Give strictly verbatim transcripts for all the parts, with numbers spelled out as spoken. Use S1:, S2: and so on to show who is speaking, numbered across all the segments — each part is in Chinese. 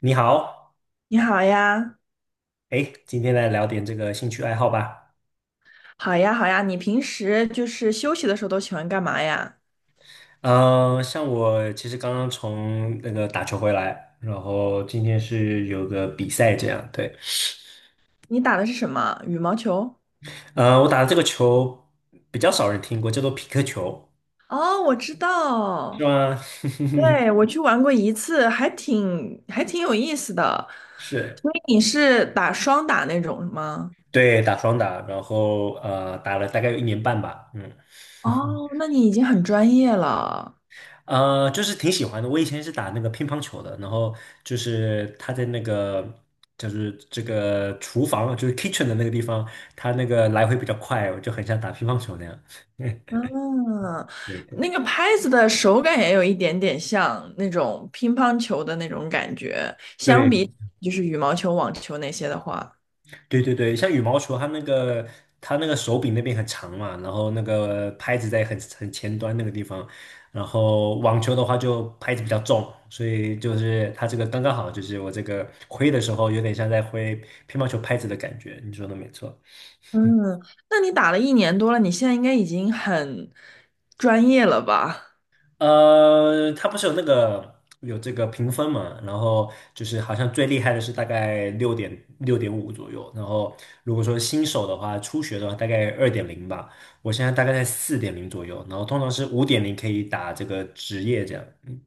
S1: 你好，
S2: 你好呀，
S1: 哎，今天来聊点这个兴趣爱好吧。
S2: 好呀，好呀。你平时就是休息的时候都喜欢干嘛呀？
S1: 嗯、像我其实刚刚从那个打球回来，然后今天是有个比赛这样，对。
S2: 你打的是什么？羽毛球？
S1: 呃，我打的这个球比较少人听过，叫做匹克球，
S2: 哦，我知
S1: 是
S2: 道，
S1: 吗？
S2: 对，我去玩过一次，还挺还挺有意思的。
S1: 是，
S2: 所以你是打双打那种吗？
S1: 对，打双打，然后呃，打了大概有一年半吧，嗯。
S2: 哦，那你已经很专业了。
S1: 呃，就是挺喜欢的。我以前是打那个乒乓球的，然后就是他在那个就是这个厨房，就是 kitchen 的那个地方，他那个来回比较快，我就很像打乒乓球那样。
S2: 嗯，
S1: 对对
S2: 那个拍子的手感也有一点点像那种乒乓球的那种感觉，相比
S1: 对
S2: 就是羽毛球、网球那些的话。
S1: 对对对，像羽毛球，它那个它那个手柄那边很长嘛，然后那个拍子在很很前端那个地方，然后网球的话就拍子比较重，所以就是它这个刚刚好，就是我这个挥的时候有点像在挥乒乓球拍子的感觉，你说的没错。
S2: 嗯，那你打了一年多了，你现在应该已经很专业了吧？
S1: 呃，它不是有那个有这个评分嘛？然后就是好像最厉害的是大概六点六点五左右，然后如果说新手的话，初学的话大概二点零吧。我现在大概在四点零左右，然后通常是五点零可以打这个职业这样。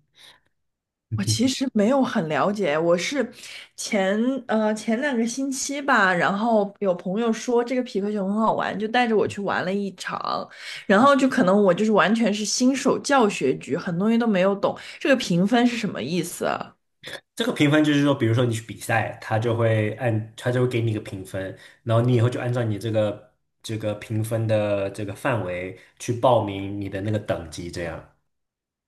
S2: 我其
S1: 嗯
S2: 实没有很了解，我是前呃前两个星期吧，然后有朋友说这个匹克球很好玩，就带着我去玩了一场，然后就可能我就是完全是新手教学局，很多东西都没有懂，这个评分是什么意思啊？
S1: 这个评分就是说，比如说你去比赛，他就会按他就会给你一个评分，然后你以后就按照你这个这个评分的这个范围去报名你的那个等级这样。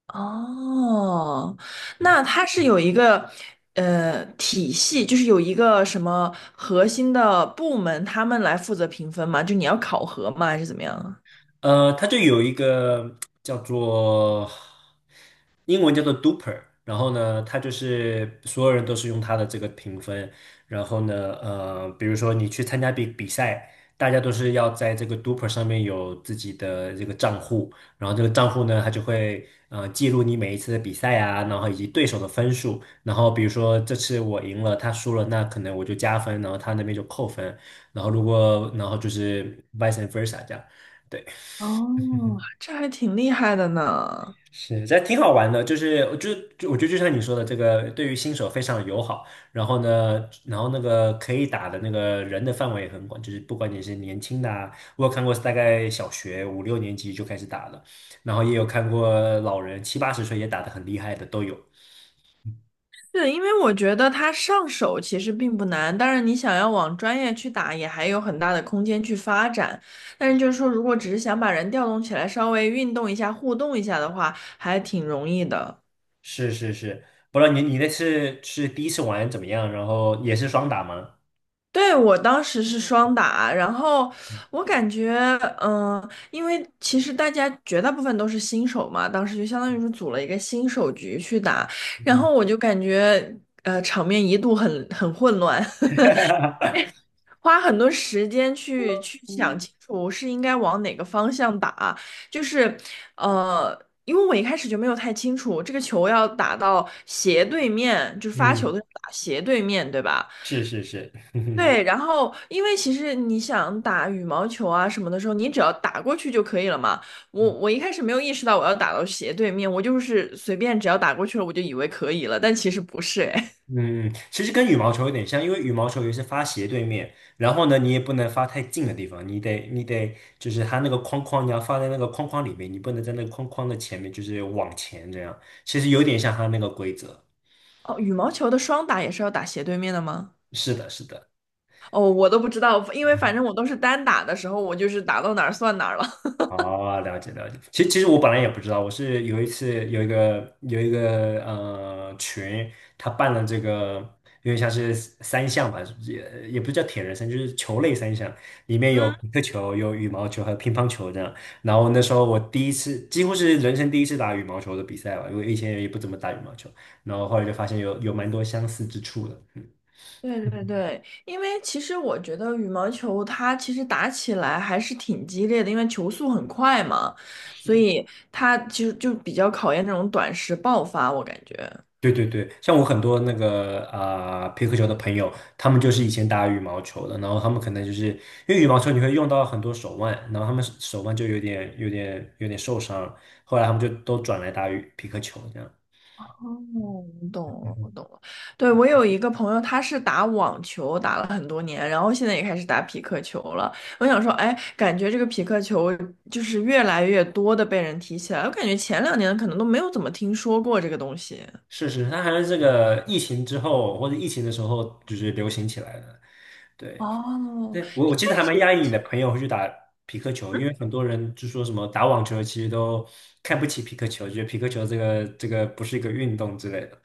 S2: 哦，那它是有一个呃体系，就是有一个什么核心的部门，他们来负责评分吗？就你要考核吗？还是怎么样啊？
S1: 呃，它就有一个叫做英文叫做 Duper，然后呢，它就是所有人都是用它的这个评分，然后呢，呃，比如说你去参加比比赛，大家都是要在这个 Duper 上面有自己的这个账户，然后这个账户呢，它就会呃记录你每一次的比赛啊，然后以及对手的分数，然后比如说这次我赢了，他输了，那可能我就加分，然后他那边就扣分，然后如果然后就是 vice versa 这样。对。
S2: 哦，这还挺厉害的呢。
S1: 是，这挺好玩的，就是就就我觉得就像你说的，这个对于新手非常友好。然后呢，然后那个可以打的那个人的范围也很广，就是不管你是年轻的啊，我有看过是大概小学五六年级就开始打了，然后也有看过老人七八十岁也打得很厉害的都有。
S2: 是，因为我觉得它上手其实并不难，当然你想要往专业去打，也还有很大的空间去发展。但是就是说，如果只是想把人调动起来，稍微运动一下、互动一下的话，还挺容易的。
S1: 是是是，不知道你你那次是第一次玩怎么样？然后也是双打吗？
S2: 对，我当时是双打，然后我感觉，嗯、因为其实大家绝大部分都是新手嘛，当时就相当于是组了一个新手局去打，然
S1: 嗯，
S2: 后我就感觉，呃，场面一度很很混乱，花很多时间去去想清楚是应该往哪个方向打，就是，呃，因为我一开始就没有太清楚这个球要打到斜对面，就是发球
S1: 嗯，
S2: 的时候打斜对面，对吧？
S1: 是是是，
S2: 对，然后因为其实你想打羽毛球啊什么的时候，你只要打过去就可以了嘛。我我一开始没有意识到我要打到斜对面，我就是随便只要打过去了，我就以为可以了，但其实不是哎。
S1: 嗯，其实跟羽毛球有点像，因为羽毛球也是发斜对面，然后呢，你也不能发太近的地方，你得你得就是它那个框框，你要放在那个框框里面，你不能在那个框框的前面，就是往前这样。其实有点像它那个规则。
S2: 哦，羽毛球的双打也是要打斜对面的吗？
S1: 是的，是的。
S2: 哦，我都不知道，因为反正我都是单打的时候，我就是打到哪儿算哪儿了。
S1: 哦，了解了解。其实其实我本来也不知道，我是有一次有一个有一个呃群，他办了这个因为像是三项吧，也也不是叫铁人三项，就是球类三项，里面 有
S2: 嗯。
S1: 皮克球、有羽毛球还有乒乓球这样。然后那时候我第一次，几乎是人生第一次打羽毛球的比赛吧，因为以前也不怎么打羽毛球，然后后来就发现有有蛮多相似之处的。嗯
S2: 对对对，因为其实我觉得羽毛球它其实打起来还是挺激烈的，因为球速很快嘛，所以它其实就比较考验这种短时爆发，我感觉。
S1: 对对对，像我很多那个啊、呃、皮克球的朋友，他们就是以前打羽毛球的，然后他们可能就是因为羽毛球你会用到很多手腕，然后他们手手腕就有点有点有点受伤，后来他们就都转来打羽皮克球这样。
S2: 哦，我懂了，我懂了。对，我有一个朋友，他是打网球打了很多年，然后现在也开始打匹克球了。我想说，哎，感觉这个匹克球就是越来越多的被人提起来，我感觉前两年可能都没有怎么听说过这个东西。
S1: 是是，它还是这个疫情之后或者疫情的时候就是流行起来的。对，
S2: 哦，
S1: 那我
S2: 一
S1: 我记得
S2: 开
S1: 还蛮
S2: 始。
S1: 讶异你的朋友会去打皮克球，因为很多人就说什么打网球其实都看不起皮克球，觉得皮克球这个这个不是一个运动之类的。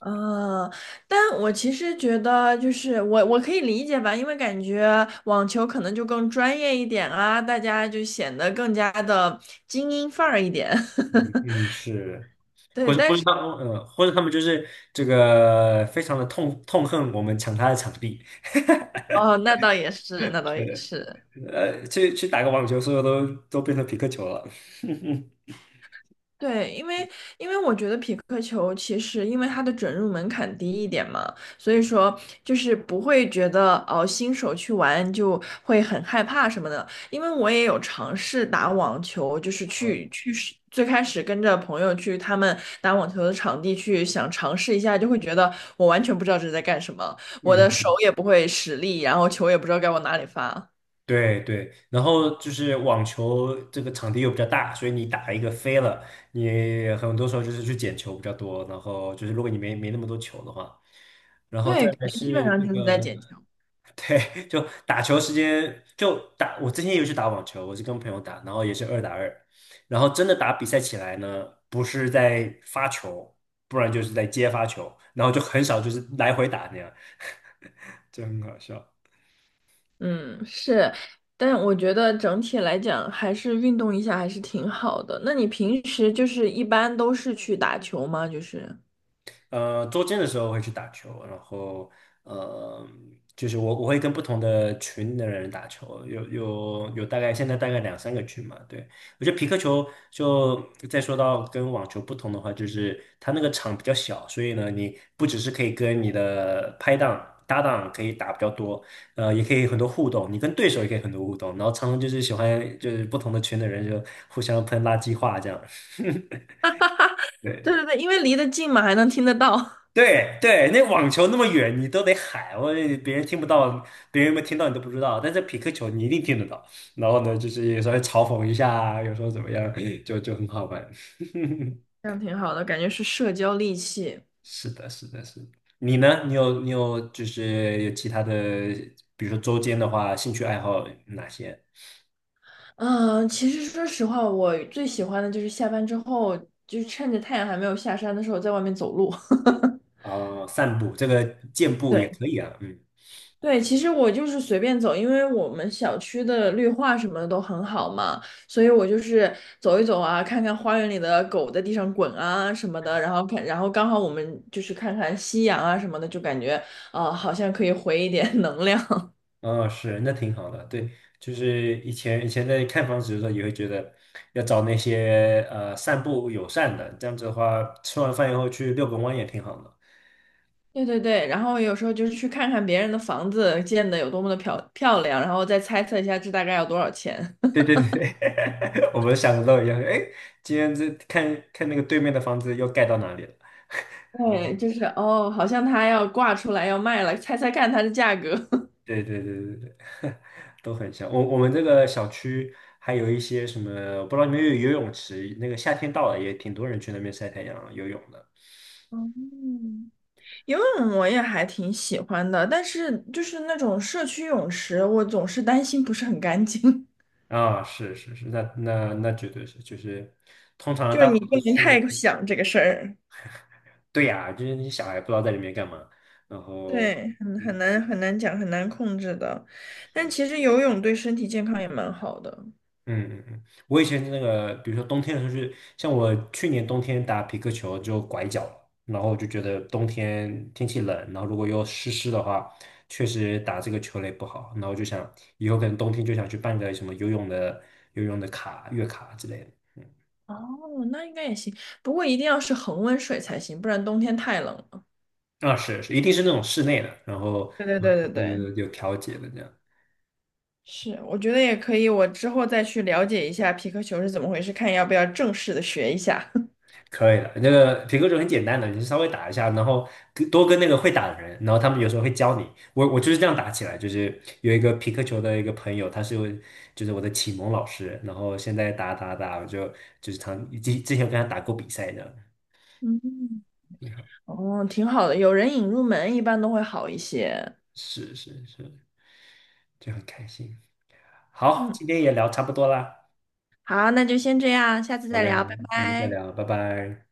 S2: 呃，但我其实觉得，就是我我可以理解吧，因为感觉网球可能就更专业一点啊，大家就显得更加的精英范儿一点。
S1: 嗯，是，或
S2: 对，
S1: 者或
S2: 但
S1: 者
S2: 是
S1: 他呃，或者他们就是这个非常的痛痛恨我们抢他的场地，
S2: 哦，那倒也是，那倒也
S1: 呃
S2: 是。
S1: 呃，去去打个网球，所有都都变成匹克球了。
S2: 对，因为因为我觉得匹克球其实因为它的准入门槛低一点嘛，所以说就是不会觉得哦新手去玩就会很害怕什么的。因为我也有尝试打网球，就是
S1: 嗯，
S2: 去去试最开始跟着朋友去他们打网球的场地去想尝试一下，就会觉得我完全不知道这是在干什么，我的手
S1: 嗯
S2: 也不会使力，然后球也不知道该往哪里发。
S1: 对对，然后就是网球这个场地又比较大，所以你打一个飞了，你很多时候就是去捡球比较多，然后就是如果你没没那么多球的话，然后再
S2: 对，感
S1: 来
S2: 觉基本
S1: 是
S2: 上
S1: 这
S2: 就是在
S1: 个。
S2: 捡球。
S1: 对，就打球时间就打，我之前也有去打网球，我是跟朋友打，然后也是二打二，然后真的打比赛起来呢，不是在发球，不然就是在接发球，然后就很少就是来回打那样，就很好笑。
S2: 嗯，是，但我觉得整体来讲，还是运动一下还是挺好的。那你平时就是一般都是去打球吗？就是，
S1: 呃，周间的时候会去打球，然后呃，就是我我会跟不同的群的人打球，有有有大概现在大概两三个群嘛。对，我觉得皮克球就再说到跟网球不同的话，就是它那个场比较小，所以呢，你不只是可以跟你的拍档。搭档可以打比较多，呃，也可以很多互动，你跟对手也可以很多互动，然后常常就是喜欢就是不同的群的人就互相喷垃圾话这样，
S2: 对
S1: 对。
S2: 对对，因为离得近嘛，还能听得到，
S1: 对对，那网球那么远，你都得喊，我别人听不到，别人有没有听到你都不知道。但是匹克球你一定听得到。然后呢，就是有时候嘲讽一下啊，有时候怎么样，就就很好玩。
S2: 这样挺好的，感觉是社交利器。
S1: 是的，是的，是的你呢？你有你有就是有其他的，比如说周间的话，兴趣爱好哪些？
S2: 嗯，其实说实话，我最喜欢的就是下班之后，就趁着太阳还没有下山的时候，在外面走路。
S1: 啊、散步，这个健 步也
S2: 对。
S1: 可以啊。嗯。
S2: 对，其实我就是随便走，因为我们小区的绿化什么的都很好嘛，所以我就是走一走啊，看看花园里的狗在地上滚啊什么的，然后看，然后刚好我们就是看看夕阳啊什么的，就感觉啊、呃好像可以回一点 能量。
S1: 哦，是，那挺好的。对，就是以前以前在看房子的时候，也会觉得要找那些呃散步友善的，这样子的话，吃完饭以后去遛个弯也挺好的。
S2: 对对对，然后有时候就是去看看别人的房子建的有多么的漂漂亮，然后再猜测一下这大概要多少钱。
S1: 对对对，我们想的都一样。哎，今天这看看那个对面的房子又盖到哪里了？然后，
S2: 对，就是哦，好像它要挂出来要卖了，猜猜看它的价格。
S1: 对对对对对，都很像。我我们这个小区还有一些什么，我不知道你们有游泳池，那个夏天到了也挺多人去那边晒太阳、游泳的。
S2: 嗯，游泳我也还挺喜欢的，但是就是那种社区泳池，我总是担心不是很干净，
S1: 啊、是是是，那那那绝对是，就是通常 的
S2: 就是
S1: 大部
S2: 你
S1: 分都
S2: 不
S1: 是
S2: 能
S1: 去那个
S2: 太想这个事儿，
S1: 对呀、就是那些小孩不知道在里面干嘛，然后，
S2: 对，很很
S1: 嗯
S2: 难很难讲，很难控制的。但其实游泳对身体健康也蛮好的。
S1: 嗯嗯，嗯，我以前那个，比如说冬天的时候是，像我去年冬天打皮克球就拐脚了，然后我就觉得冬天天气冷，然后如果又湿湿的话，确实打这个球类不好，然后我就想以后可能冬天就想去办个什么游泳的游泳的卡、月卡之类的，
S2: 哦，那应该也行，不过一定要是恒温水才行，不然冬天太冷了。
S1: 啊，是是，一定是那种室内的，然后
S2: 对对对对
S1: 嗯有
S2: 对，
S1: 有有调节的这样。
S2: 是，我觉得也可以，我之后再去了解一下皮克球是怎么回事，看要不要正式的学一下。
S1: 可以了，那个评克球很简单的，你就稍微打一下，然后跟多跟那个会打的人，然后他们有时候会教你。我我就是这样打起来，就是有一个皮克球的一个朋友，他是我就是我的启蒙老师，然后现在打打打，我就就是常之之前有跟他打过比赛的，
S2: 嗯。
S1: 挺好，
S2: 哦，挺好的，有人引入门一般都会好一些。
S1: 是是是，就很开心。好，
S2: 嗯，
S1: 今天也聊差不多啦，
S2: 好，那就先这样，下次
S1: 好
S2: 再
S1: 嘞，好
S2: 聊，拜
S1: 嘞我们再
S2: 拜。
S1: 聊，拜拜。